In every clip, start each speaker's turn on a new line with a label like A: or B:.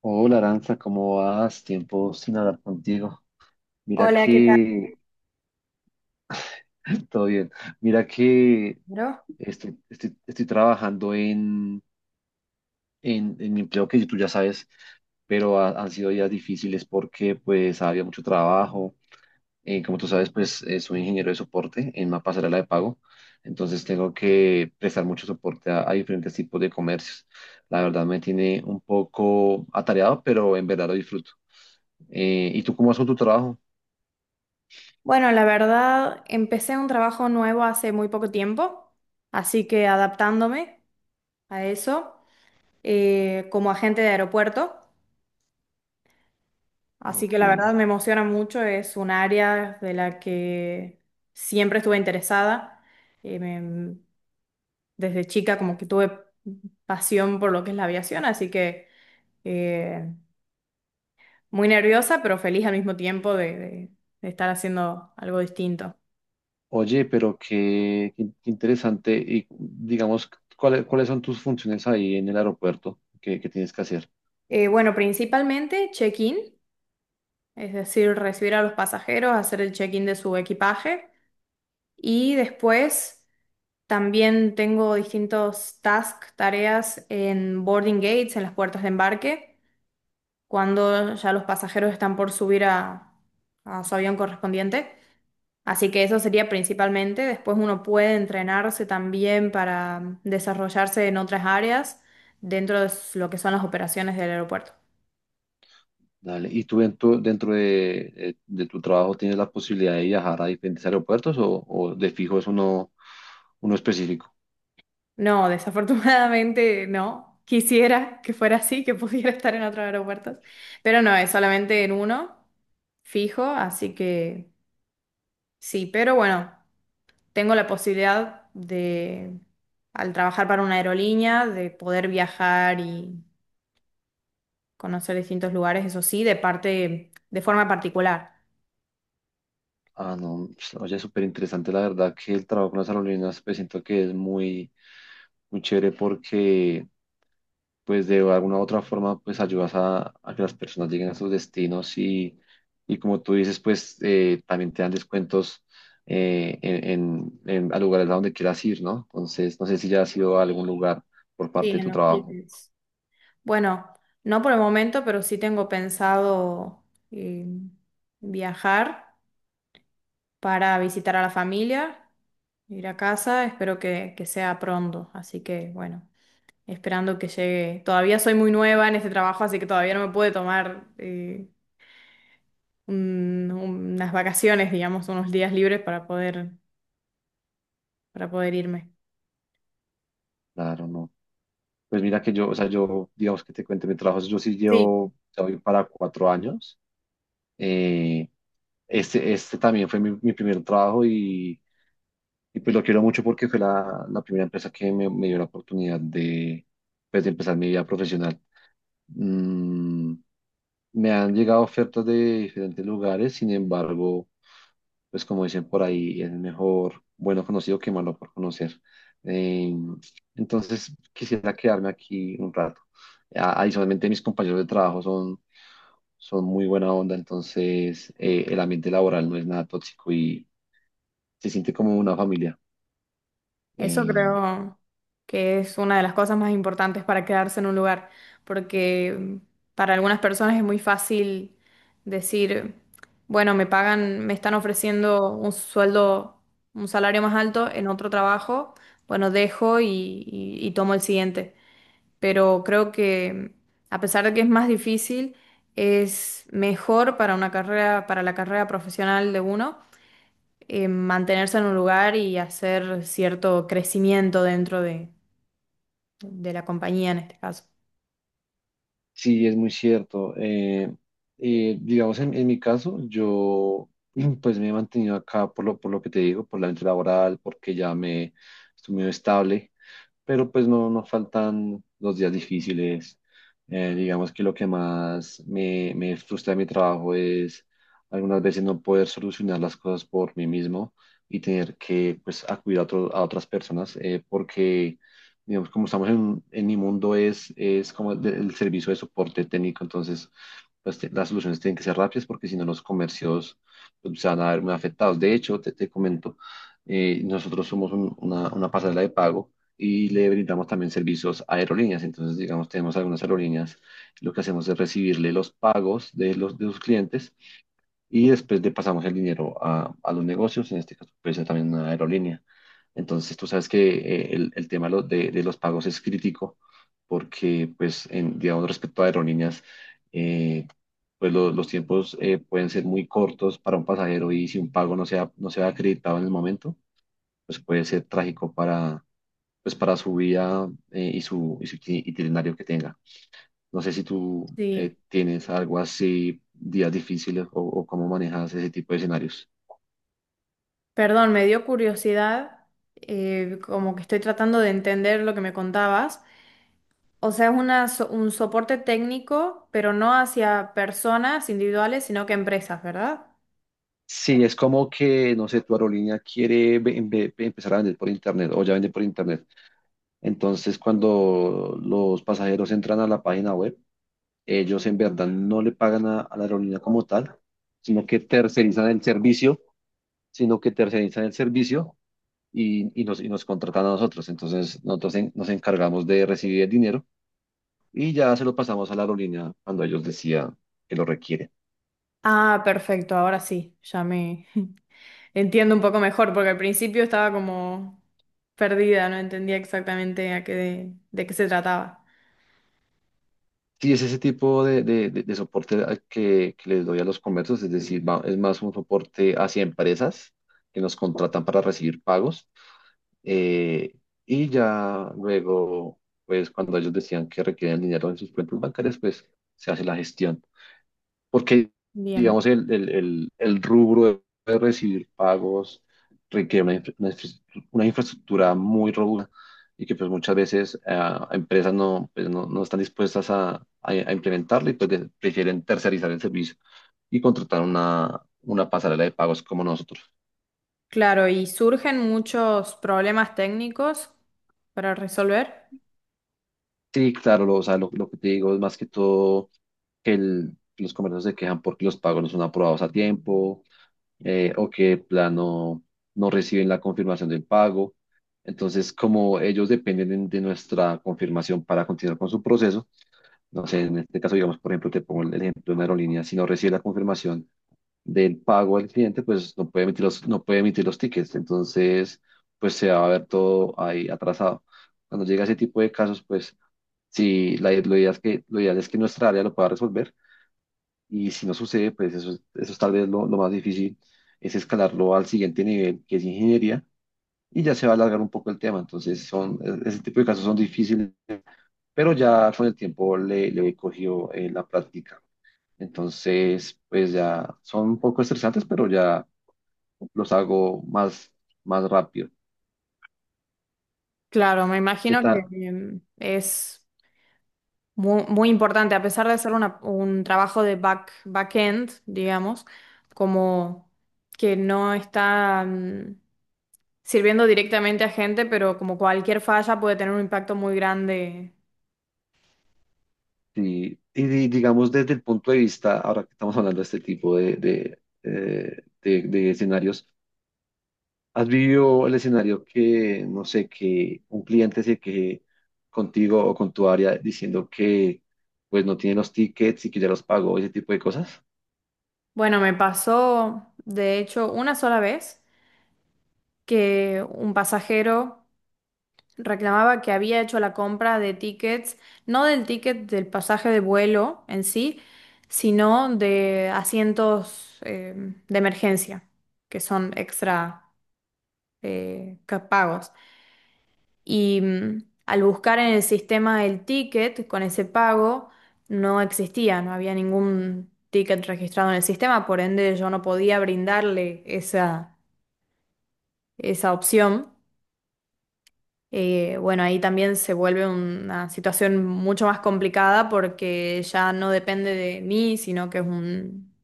A: Hola Aranza, ¿cómo vas? Tiempo sin hablar contigo. Mira
B: Hola, ¿qué tal?
A: que, todo bien, mira que
B: ¿Caro?
A: estoy trabajando en mi empleo que tú ya sabes, pero han sido días difíciles porque pues había mucho trabajo. Como tú sabes, pues soy ingeniero de soporte en una pasarela de pago, entonces tengo que prestar mucho soporte a diferentes tipos de comercios. La verdad me tiene un poco atareado, pero en verdad lo disfruto. ¿Y tú cómo vas con tu trabajo?
B: Bueno, la verdad, empecé un trabajo nuevo hace muy poco tiempo, así que adaptándome a eso, como agente de aeropuerto, así que
A: Ok.
B: la verdad me emociona mucho. Es un área de la que siempre estuve interesada. eh, me- Desde chica como que tuve pasión por lo que es la aviación, así que eh, muy nerviosa, pero feliz al mismo tiempo de estar haciendo algo distinto.
A: Oye, pero qué interesante. Y digamos, ¿ cuáles son tus funciones ahí en el aeropuerto que tienes que hacer?
B: Bueno, principalmente check-in, es decir, recibir a los pasajeros, hacer el check-in de su equipaje, y después también tengo distintos tasks, tareas en boarding gates, en las puertas de embarque, cuando ya los pasajeros están por a su avión correspondiente. Así que eso sería principalmente. Después uno puede entrenarse también para desarrollarse en otras áreas dentro de lo que son las operaciones del aeropuerto.
A: Dale. ¿Y tú dentro de tu trabajo tienes la posibilidad de viajar a diferentes aeropuertos o de fijo es uno específico?
B: No, desafortunadamente no. Quisiera que fuera así, que pudiera estar en otros aeropuertos, pero no, es solamente en uno fijo, así que sí. Pero bueno, tengo la posibilidad de, al trabajar para una aerolínea, de poder viajar y conocer distintos lugares, eso sí, de parte, de forma particular.
A: Ah, no, pues, oye, súper interesante, la verdad que el trabajo con las aerolíneas, pues siento que es muy chévere porque, pues de alguna u otra forma, pues ayudas a que las personas lleguen a sus destinos y como tú dices, pues también te dan descuentos eh, en, a lugares a donde quieras ir, ¿no? Entonces, no sé si ya has ido a algún lugar por
B: Sí,
A: parte de
B: en
A: tu
B: los
A: trabajo.
B: tickets. Bueno, no por el momento, pero sí tengo pensado eh, viajar, para visitar a la familia, ir a casa. Espero que sea pronto, así que bueno, esperando que llegue. Todavía soy muy nueva en este trabajo, así que todavía no me puede tomar unas vacaciones, digamos, unos días libres para poder irme.
A: Claro, no. Pues mira que yo, o sea, yo, digamos que te cuente mi trabajo, yo sí
B: Sí.
A: llevo, ya voy para cuatro años. Eh, este también fue mi primer trabajo y pues lo quiero mucho porque fue la primera empresa que me dio la oportunidad de, pues, de empezar mi vida profesional. Mm, Me han llegado ofertas de diferentes lugares, sin embargo, pues como dicen por ahí, es mejor bueno conocido que malo por conocer. Eh, entonces, quisiera quedarme aquí un rato. Adicionalmente, mis compañeros de trabajo son muy buena onda, entonces el ambiente laboral no es nada tóxico y se siente como una familia.
B: Eso
A: Eh,
B: creo que es una de las cosas más importantes para quedarse en un lugar, porque para algunas personas es muy fácil decir, bueno, me pagan, me están ofreciendo un sueldo, un salario más alto en otro trabajo, bueno, dejo y tomo el siguiente. Pero creo que a pesar de que es más difícil, es mejor para una carrera, para la carrera profesional de uno, mantenerse en un lugar y hacer cierto crecimiento dentro de la compañía en este caso.
A: Sí, es muy cierto. Digamos, en mi caso, yo pues me he mantenido acá por por lo que te digo, por la mente laboral, porque ya me estoy muy estable, pero pues no, no faltan los días difíciles. Digamos que lo que más me frustra de mi trabajo es algunas veces no poder solucionar las cosas por mí mismo y tener que pues acudir a otras personas porque digamos como estamos en mi mundo es como el servicio de soporte técnico, entonces pues las soluciones tienen que ser rápidas porque si no los comercios pues, se van a ver muy afectados. De hecho, te comento, nosotros somos una pasarela de pago y le brindamos también servicios a aerolíneas. Entonces, digamos, tenemos algunas aerolíneas, lo que hacemos es recibirle los pagos de los de sus clientes y después le pasamos el dinero a los negocios, en este caso puede ser también una aerolínea. Entonces, tú sabes que el tema de los pagos es crítico porque, pues, en, digamos, respecto a aerolíneas, eh, los tiempos pueden ser muy cortos para un pasajero, y si un pago no sea acreditado en el momento, pues puede ser trágico para pues para su vida y y su itinerario que tenga. No sé si tú
B: Sí,
A: tienes algo así, días difíciles o cómo manejas ese tipo de escenarios.
B: perdón, me dio curiosidad. Como que estoy tratando de entender lo que me contabas. O sea, es una, un soporte técnico, pero no hacia personas individuales, sino que empresas, ¿verdad?
A: Sí, es como que, no sé, tu aerolínea quiere empezar a vender por internet o ya vende por internet. Entonces, cuando los pasajeros entran a la página web, ellos en verdad no le pagan a la aerolínea como tal, sino que tercerizan el servicio, sino que tercerizan el servicio y nos contratan a nosotros. Entonces, nosotros nos encargamos de recibir el dinero y ya se lo pasamos a la aerolínea cuando ellos decían que lo requieren.
B: Ah, perfecto, ahora sí, ya me entiendo un poco mejor, porque al principio estaba como perdida, no entendía exactamente a qué de qué se trataba.
A: Sí, es ese tipo de soporte al que les doy a los comercios, es decir, es más un soporte hacia empresas que nos contratan para recibir pagos. eh, y ya luego, pues cuando ellos decían que requieren el dinero en sus cuentas bancarias, pues se hace la gestión. Porque
B: Bien.
A: digamos el rubro de recibir pagos requiere una infraestructura muy robusta, y que pues muchas veces empresas no, pues, no, no están dispuestas a implementarla, y pues prefieren tercerizar el servicio y contratar una pasarela de pagos como nosotros.
B: Claro, y surgen muchos problemas técnicos para resolver.
A: Sí, claro, lo, o sea, lo que te digo es más que todo que los comercios se quejan porque los pagos no son aprobados a tiempo, o que de plano no reciben la confirmación del pago. Entonces, como ellos dependen de nuestra confirmación para continuar con su proceso, no sé, en este caso, digamos, por ejemplo, te pongo el ejemplo de una aerolínea, si no recibe la confirmación del pago del cliente, pues no puede emitir los tickets. Entonces, pues se va a ver todo ahí atrasado. Cuando llega ese tipo de casos, pues sí, la, lo ideal es que, lo ideal es que nuestra área lo pueda resolver, y si no sucede, pues eso, eso es tal vez lo más difícil, es escalarlo al siguiente nivel, que es ingeniería, y ya se va a alargar un poco el tema. Entonces, ese tipo de casos son difíciles, pero ya con el tiempo le he cogido la práctica. Entonces, pues ya son un poco estresantes, pero ya los hago más rápido.
B: Claro, me
A: ¿Qué
B: imagino que
A: tal?
B: es muy importante, a pesar de ser un trabajo de back-end, digamos, como que no está mm, sirviendo directamente a gente, pero como cualquier falla puede tener un impacto muy grande.
A: Digamos desde el punto de vista, ahora que estamos hablando de este tipo de escenarios, ¿has vivido el escenario que, no sé, que un cliente se queje contigo o con tu área diciendo que pues no tiene los tickets y que ya los pagó, ese tipo de cosas?
B: Bueno, me pasó, de hecho, una sola vez que un pasajero reclamaba que había hecho la compra de tickets, no del ticket del pasaje de vuelo en sí, sino de asientos de emergencia, que son extra pagos. Y mm, al buscar en el sistema el ticket con ese pago, no existía, no había ningún ticket registrado en el sistema, por ende yo no podía brindarle esa, esa opción. Bueno, ahí también se vuelve una situación mucho más complicada porque ya no depende de mí, sino que es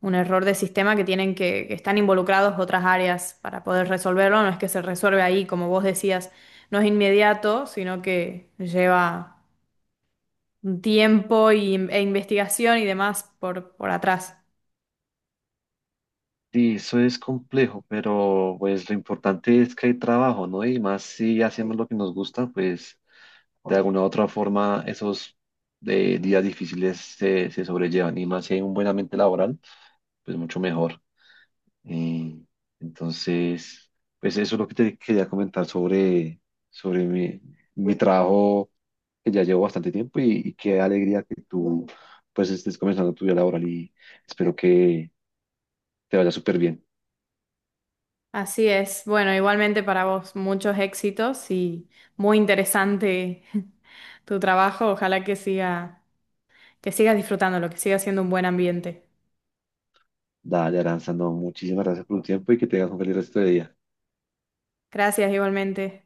B: un error de sistema que tienen que están involucrados otras áreas para poder resolverlo. No es que se resuelve ahí, como vos decías, no es inmediato, sino que lleva un tiempo e investigación y demás por atrás.
A: Sí, eso es complejo, pero pues lo importante es que hay trabajo, ¿no? Y más si hacemos lo que nos gusta, pues de alguna u otra forma esos días difíciles se sobrellevan. Y más si hay un buen ambiente laboral, pues mucho mejor. Eh, entonces, pues eso es lo que te quería comentar sobre mi trabajo que ya llevo bastante tiempo, y qué alegría que tú pues estés comenzando tu vida laboral, y espero que te vaya súper bien.
B: Así es. Bueno, igualmente para vos muchos éxitos y muy interesante tu trabajo. Ojalá que siga. Que sigas disfrutando, lo que siga siendo un buen ambiente.
A: Dale, Aranza, no, muchísimas gracias por tu tiempo y que tengas un feliz resto de día.
B: Gracias igualmente.